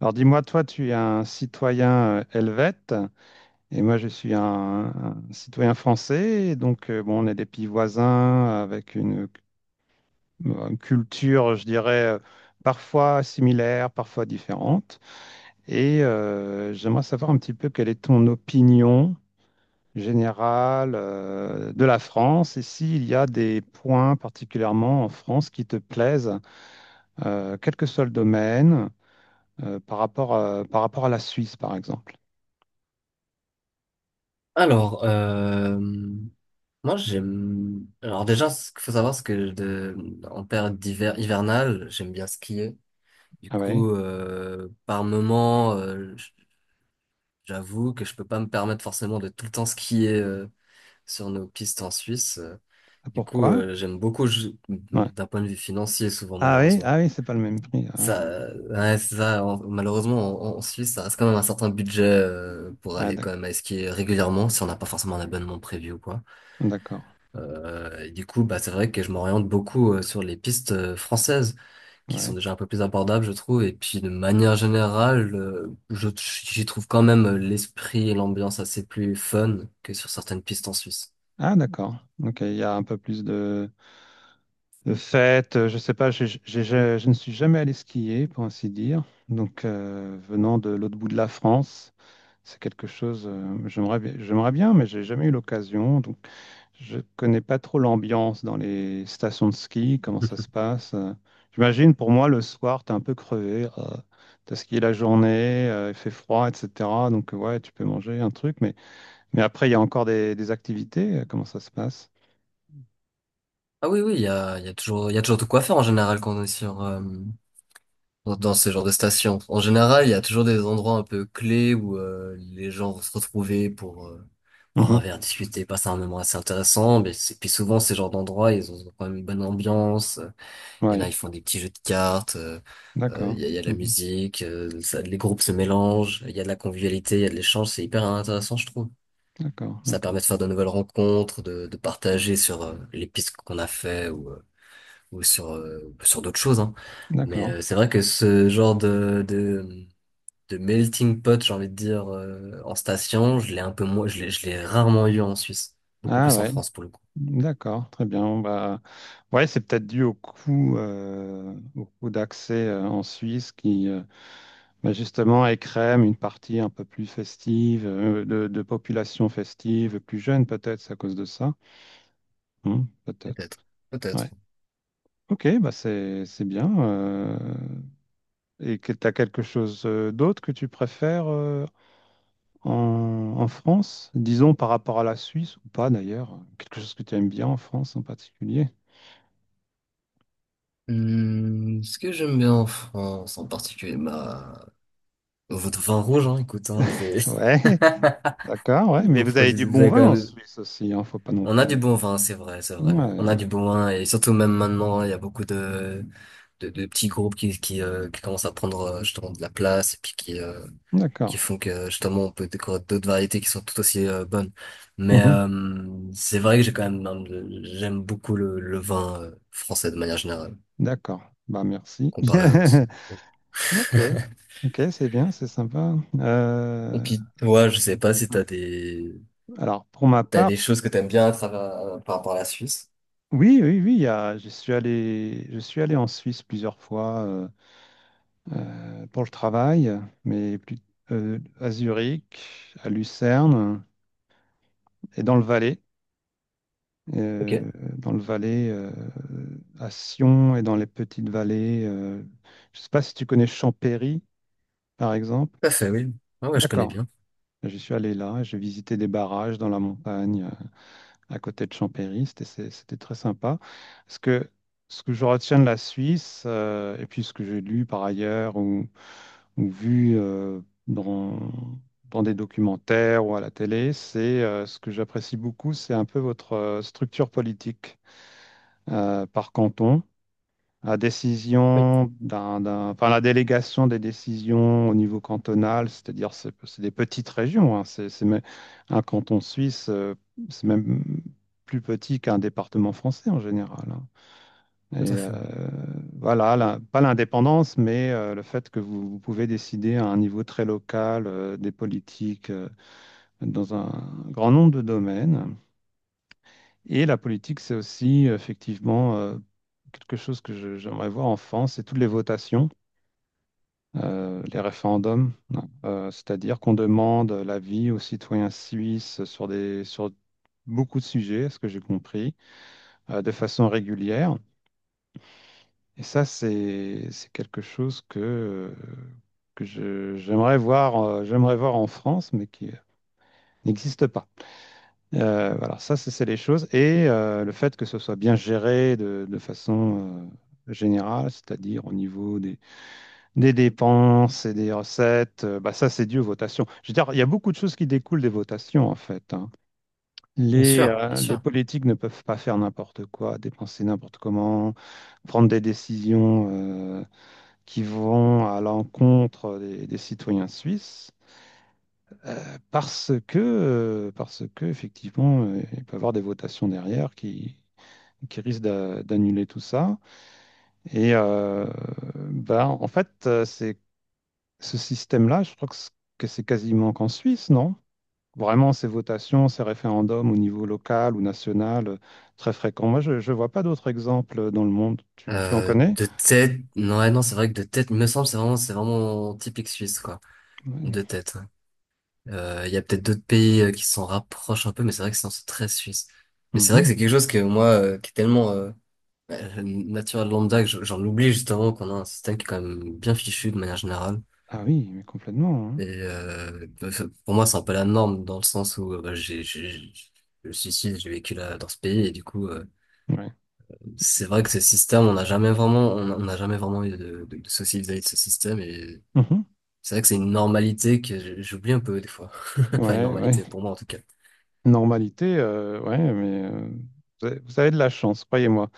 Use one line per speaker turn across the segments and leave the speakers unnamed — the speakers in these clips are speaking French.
Alors dis-moi, toi, tu es un citoyen helvète et moi, je suis un citoyen français. Et donc, bon, on est des pays voisins avec une culture, je dirais, parfois similaire, parfois différente. Et j'aimerais savoir un petit peu quelle est ton opinion générale de la France, et s'il y a des points particulièrement en France qui te plaisent, quel que soit le domaine, par rapport à la Suisse, par exemple.
Alors, moi j'aime. Alors déjà, ce qu'il faut savoir, c'est en période d'hiver hivernale, j'aime bien skier. Du
Ah ouais.
coup, par moment, j'avoue que je peux pas me permettre forcément de tout le temps skier sur nos pistes en Suisse.
Ah,
Du coup,
pourquoi?
j'aime beaucoup
Ouais.
d'un point de vue financier, souvent
Ah oui,
malheureusement.
ah oui, c'est pas le même prix.
Ça, ouais, c'est ça. Malheureusement, en Suisse, ça reste quand même un certain budget pour
Ah,
aller quand
d'ac-
même à skier régulièrement si on n'a pas forcément un abonnement prévu ou quoi.
d'accord.
Et du coup, bah, c'est vrai que je m'oriente beaucoup sur les pistes françaises qui
Ouais.
sont déjà un peu plus abordables, je trouve. Et puis, de manière générale, j'y trouve quand même l'esprit et l'ambiance assez plus fun que sur certaines pistes en Suisse.
Ah d'accord. Ok, il y a un peu plus de fêtes. Je sais pas, je ne suis jamais allé skier, pour ainsi dire. Donc venant de l'autre bout de la France, c'est quelque chose. J'aimerais bien, j'aimerais bien, mais j'ai jamais eu l'occasion. Donc je connais pas trop l'ambiance dans les stations de ski, comment ça se passe. J'imagine pour moi le soir, t'es un peu crevé, t'as skié la journée, il fait froid, etc. Donc ouais, tu peux manger un truc, mais après il y a encore des activités, comment ça se passe?
Ah oui, oui, il y a toujours, il y a toujours de quoi faire en général quand on est sur, dans ce genre de station. En général, il y a toujours des endroits un peu clés où les gens vont se retrouver pour boire un
Mhm.
verre, discuter, passer un moment assez intéressant. Puis souvent, ces genres d'endroits, ils ont quand même une bonne ambiance. Il y en a,
Oui,
ils font des petits jeux de cartes,
d'accord.
il y a de la
Mhm.
musique, les groupes se mélangent, il y a de la convivialité, il y a de l'échange, c'est hyper intéressant, je trouve.
D'accord,
Ça
d'accord,
permet de faire de nouvelles rencontres, de partager sur les pistes qu'on a fait ou, sur d'autres choses, hein. Mais
d'accord.
c'est vrai que ce genre de melting pot, j'ai envie de dire, en station, je l'ai un peu moins, je l'ai rarement eu en Suisse, beaucoup
Ah
plus en
ouais,
France pour le coup.
d'accord, très bien. Bon, bah, ouais, c'est peut-être dû au coût d'accès en Suisse qui, euh… Mais justement, elle crème une partie un peu plus festive, de population festive, plus jeune peut-être, c'est à cause de ça. Hmm, peut-être.
Peut-être, peut-être.
Ouais. Ok, bah c'est bien. Et que tu as quelque chose d'autre que tu préfères en, en France, disons par rapport à la Suisse ou pas d'ailleurs, quelque chose que tu aimes bien en France en particulier.
Hmm, ce que j'aime bien en France, en particulier, bah votre vin rouge, hein, écoute, hein.
Ouais, d'accord, ouais. Mais
Vous
vous avez du
produisez, vous
bon
avez
vin
quand
en
même...
Suisse aussi, hein, faut pas non
On a du
plus.
bon vin, c'est vrai, c'est vrai.
Ouais,
On a du bon vin, et surtout même maintenant, il y a beaucoup de petits groupes qui commencent à prendre justement de la place, et puis qui
d'accord.
font que justement on peut découvrir d'autres variétés qui sont tout aussi bonnes. Mais
Mhm,
c'est vrai que j'ai quand même, j'aime beaucoup le vin français de manière générale,
d'accord. Bah merci.
comparé à.
Ok, ok, c'est bien, c'est sympa.
Et
Euh,
puis toi, je sais pas si
alors, pour ma
t'as des
part,
choses que t'aimes bien à travers par rapport à la Suisse.
oui, oui, oui, je suis allé en Suisse plusieurs fois, pour le travail, mais plus, à Zurich, à Lucerne et euh,
Ok.
dans le Valais, à Sion et dans les petites vallées. Je ne sais pas si tu connais Champéry, par exemple.
Tout à fait, oui. Ah ouais, je connais
D'accord.
bien.
Je suis allé là, j'ai visité des barrages dans la montagne, à côté de Chambéry. C'était très sympa. Ce que, Ce que je retiens de la Suisse, et puis ce que j'ai lu par ailleurs ou vu dans, dans des documentaires ou à la télé, c'est ce que j'apprécie beaucoup, c'est un peu votre structure politique par canton. La
Oui,
décision d'un, d'un- Enfin, la délégation des décisions au niveau cantonal, c'est-à-dire c'est des petites régions. Hein. Un canton suisse, c'est même plus petit qu'un département français en général. Hein.
tout
Et
à fait. Oui.
voilà, pas l'indépendance, mais le fait que vous, vous pouvez décider à un niveau très local des politiques dans un grand nombre de domaines. Et la politique, c'est aussi effectivement quelque chose que j'aimerais voir en France, c'est toutes les votations. Les référendums, c'est-à-dire qu'on demande l'avis aux citoyens suisses sur beaucoup de sujets, à ce que j'ai compris, de façon régulière. Et ça, c'est quelque chose que, j'aimerais voir en France, mais qui n'existe pas. Voilà, ça, c'est les choses. Et le fait que ce soit bien géré de façon générale, c'est-à-dire au niveau des dépenses et des recettes, bah ça c'est dû aux votations. Je veux dire, il y a beaucoup de choses qui découlent des votations en fait. Hein.
Bien sûr, bien
Les
sûr.
politiques ne peuvent pas faire n'importe quoi, dépenser n'importe comment, prendre des décisions qui vont à l'encontre des citoyens suisses parce que effectivement, il peut y avoir des votations derrière qui, d'annuler tout ça. Et bah, en fait, c'est… Ce système-là, je crois que c'est quasiment qu'en Suisse, non? Vraiment, ces votations, ces référendums au niveau local ou national, très fréquents. Moi, je ne vois pas d'autres exemples dans le monde. Tu en connais?
De tête, non, ouais, non, c'est vrai que de tête, il me semble, c'est vraiment typique suisse, quoi.
Oui.
De tête. Ouais. Il y a peut-être d'autres pays qui s'en rapprochent un peu, mais c'est vrai que sinon, c'est très suisse. Mais c'est vrai que
Mhm.
c'est quelque chose que moi, qui est tellement naturel lambda, j'en oublie justement qu'on a un système qui est quand même bien fichu de manière générale.
Ah oui, mais complètement. Hein.
Et pour moi, c'est un peu la norme dans le sens où bah, le suicide, j'ai vécu là, dans ce pays et du coup,
Ouais.
c'est vrai que ce système, on n'a jamais vraiment eu de soucis vis-à-vis de ce système, et
Mhm.
c'est vrai que c'est une normalité j'oublie un peu des fois. Enfin, une
Ouais, ouais.
normalité pour moi en tout cas.
Normalité, ouais, mais vous avez de la chance, croyez-moi.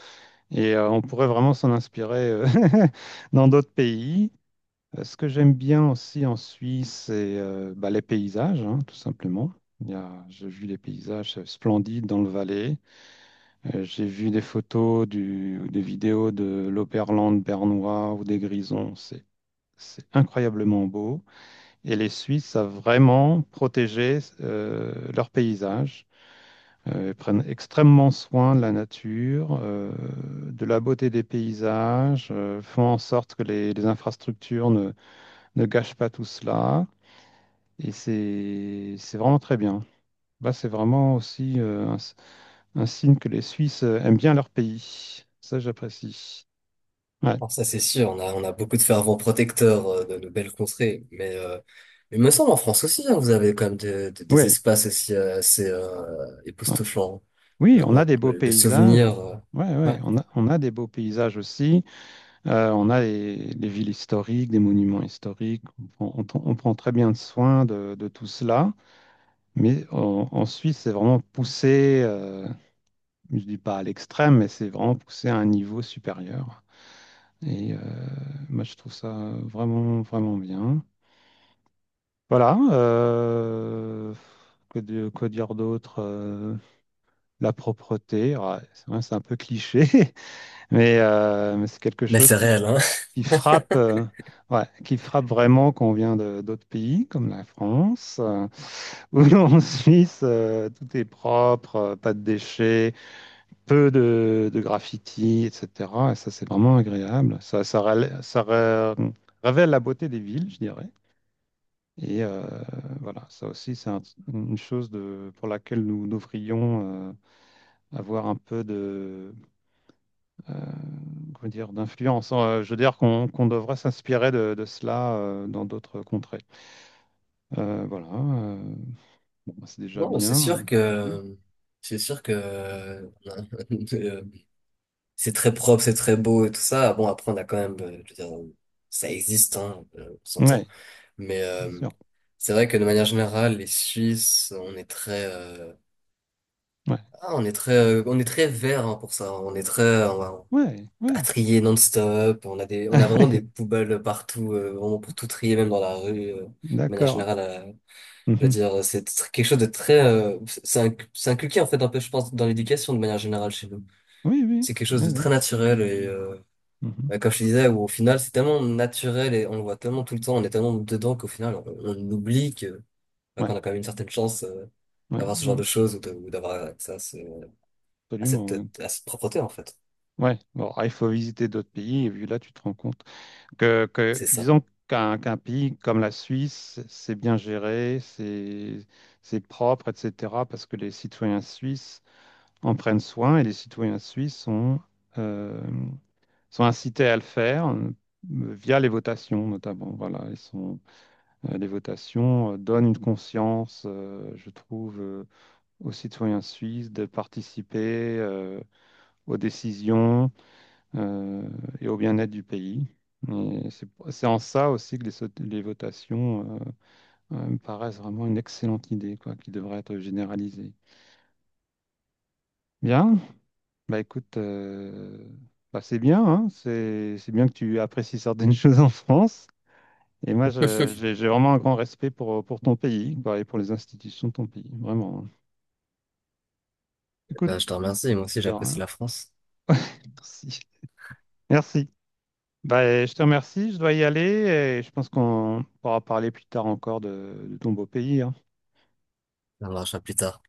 Et on pourrait vraiment s'en inspirer dans d'autres pays. Ce que j'aime bien aussi en Suisse, c'est bah, les paysages, hein, tout simplement. J'ai vu les paysages splendides dans le Valais. J'ai vu des photos, des vidéos de l'Oberland bernois ou des Grisons. C'est incroyablement beau. Et les Suisses savent vraiment protéger leurs paysages. Ils prennent extrêmement soin de la nature, de la beauté des paysages, font en sorte que les infrastructures ne gâchent pas tout cela. Et c'est vraiment très bien. Là, c'est vraiment aussi un signe que les Suisses aiment bien leur pays. Ça, j'apprécie. Ouais.
Alors ça, c'est sûr, on a beaucoup de fervents protecteurs de nos belles contrées, mais il me semble en France aussi, hein, vous avez quand même des
Oui,
espaces aussi assez
ouais.
époustouflants.
Oui, on a
Moi,
des beaux
de
paysages.
souvenirs. Euh,
Ouais, ouais,
ouais.
on a des beaux paysages aussi. On a les villes historiques, des monuments historiques. On, on prend très bien soin de tout cela. Mais en Suisse, c'est vraiment poussé, je dis pas à l'extrême, mais c'est vraiment poussé à un niveau supérieur. Et moi, je trouve ça vraiment, vraiment bien. Voilà. Quoi dire d'autre? La propreté. Ouais, c'est vrai, c'est un peu cliché, mais c'est quelque
Mais
chose
c'est réel, hein.
qui frappe, ouais, qui frappe vraiment quand on vient d'autres pays, comme la France, où en Suisse, tout est propre, pas de déchets, peu de graffiti, etc. Et ça, c'est vraiment agréable. Ça, rela- ça re- révèle la beauté des villes, je dirais. Et voilà, ça aussi, une chose de, pour laquelle nous devrions avoir un peu euh, comment dire, d'influence. Je veux dire qu'on devrait s'inspirer de cela dans d'autres contrées. Voilà, bon, bah, c'est déjà
Bon,
bien.
c'est sûr que, c'est très propre, c'est très beau et tout ça. Bon, après, on a quand même, je veux dire, ça existe, hein, on s'entend.
Oui,
Mais,
bien sûr.
c'est vrai que de manière générale, les Suisses,
Ouais,
on est on est très vert, hein, pour ça. On est on va
ouais,
à
ouais.
trier non-stop. On
Ah
a vraiment des
ouais,
poubelles partout, vraiment pour tout trier, même dans la rue, de manière
d'accord.
générale. Je veux
Mhm.
dire, c'est quelque chose de c'est c'est inculqué en fait un peu, je pense, dans l'éducation de manière générale chez nous.
Oui, oui,
C'est quelque chose
oui,
de
oui.
très naturel et,
Mhm.
bah, comme je te disais, où au final c'est tellement naturel et on le voit tellement tout le temps, on est tellement dedans qu'au final on oublie que, bah, qu'on
Ouais,
a quand même une certaine chance,
ouais,
d'avoir ce genre
mm,
de choses ou ou d'avoir accès à, ce, à cette,
absolument. Ouais.
à cette propreté en fait.
Ouais. Bon, alors, il faut visiter d'autres pays et vu là, tu te rends compte que
C'est ça.
disons qu'un pays comme la Suisse, c'est bien géré, c'est propre, etc. Parce que les citoyens suisses en prennent soin, et les citoyens suisses sont euh, sont incités à le faire. Via les votations notamment, voilà ils sont, les votations donnent une conscience, je trouve, aux citoyens suisses de participer aux décisions euh, et au bien-être du pays. Et c'est en ça aussi que les votations me paraissent vraiment une excellente idée, quoi, qui devrait être généralisée. Bien, bah écoute, bah, c'est bien, hein, c'est bien que tu apprécies certaines choses en France. Et moi, j'ai vraiment un grand respect pour ton pays, quoi, et pour les institutions de ton pays, vraiment. Écoute,
Bah, je te remercie, moi aussi
de
j'apprécie
rien.
la France.
Merci. Merci. Bah, je te remercie, je dois y aller et je pense qu'on pourra parler plus tard encore de ton beau pays, hein.
On en parlera plus tard.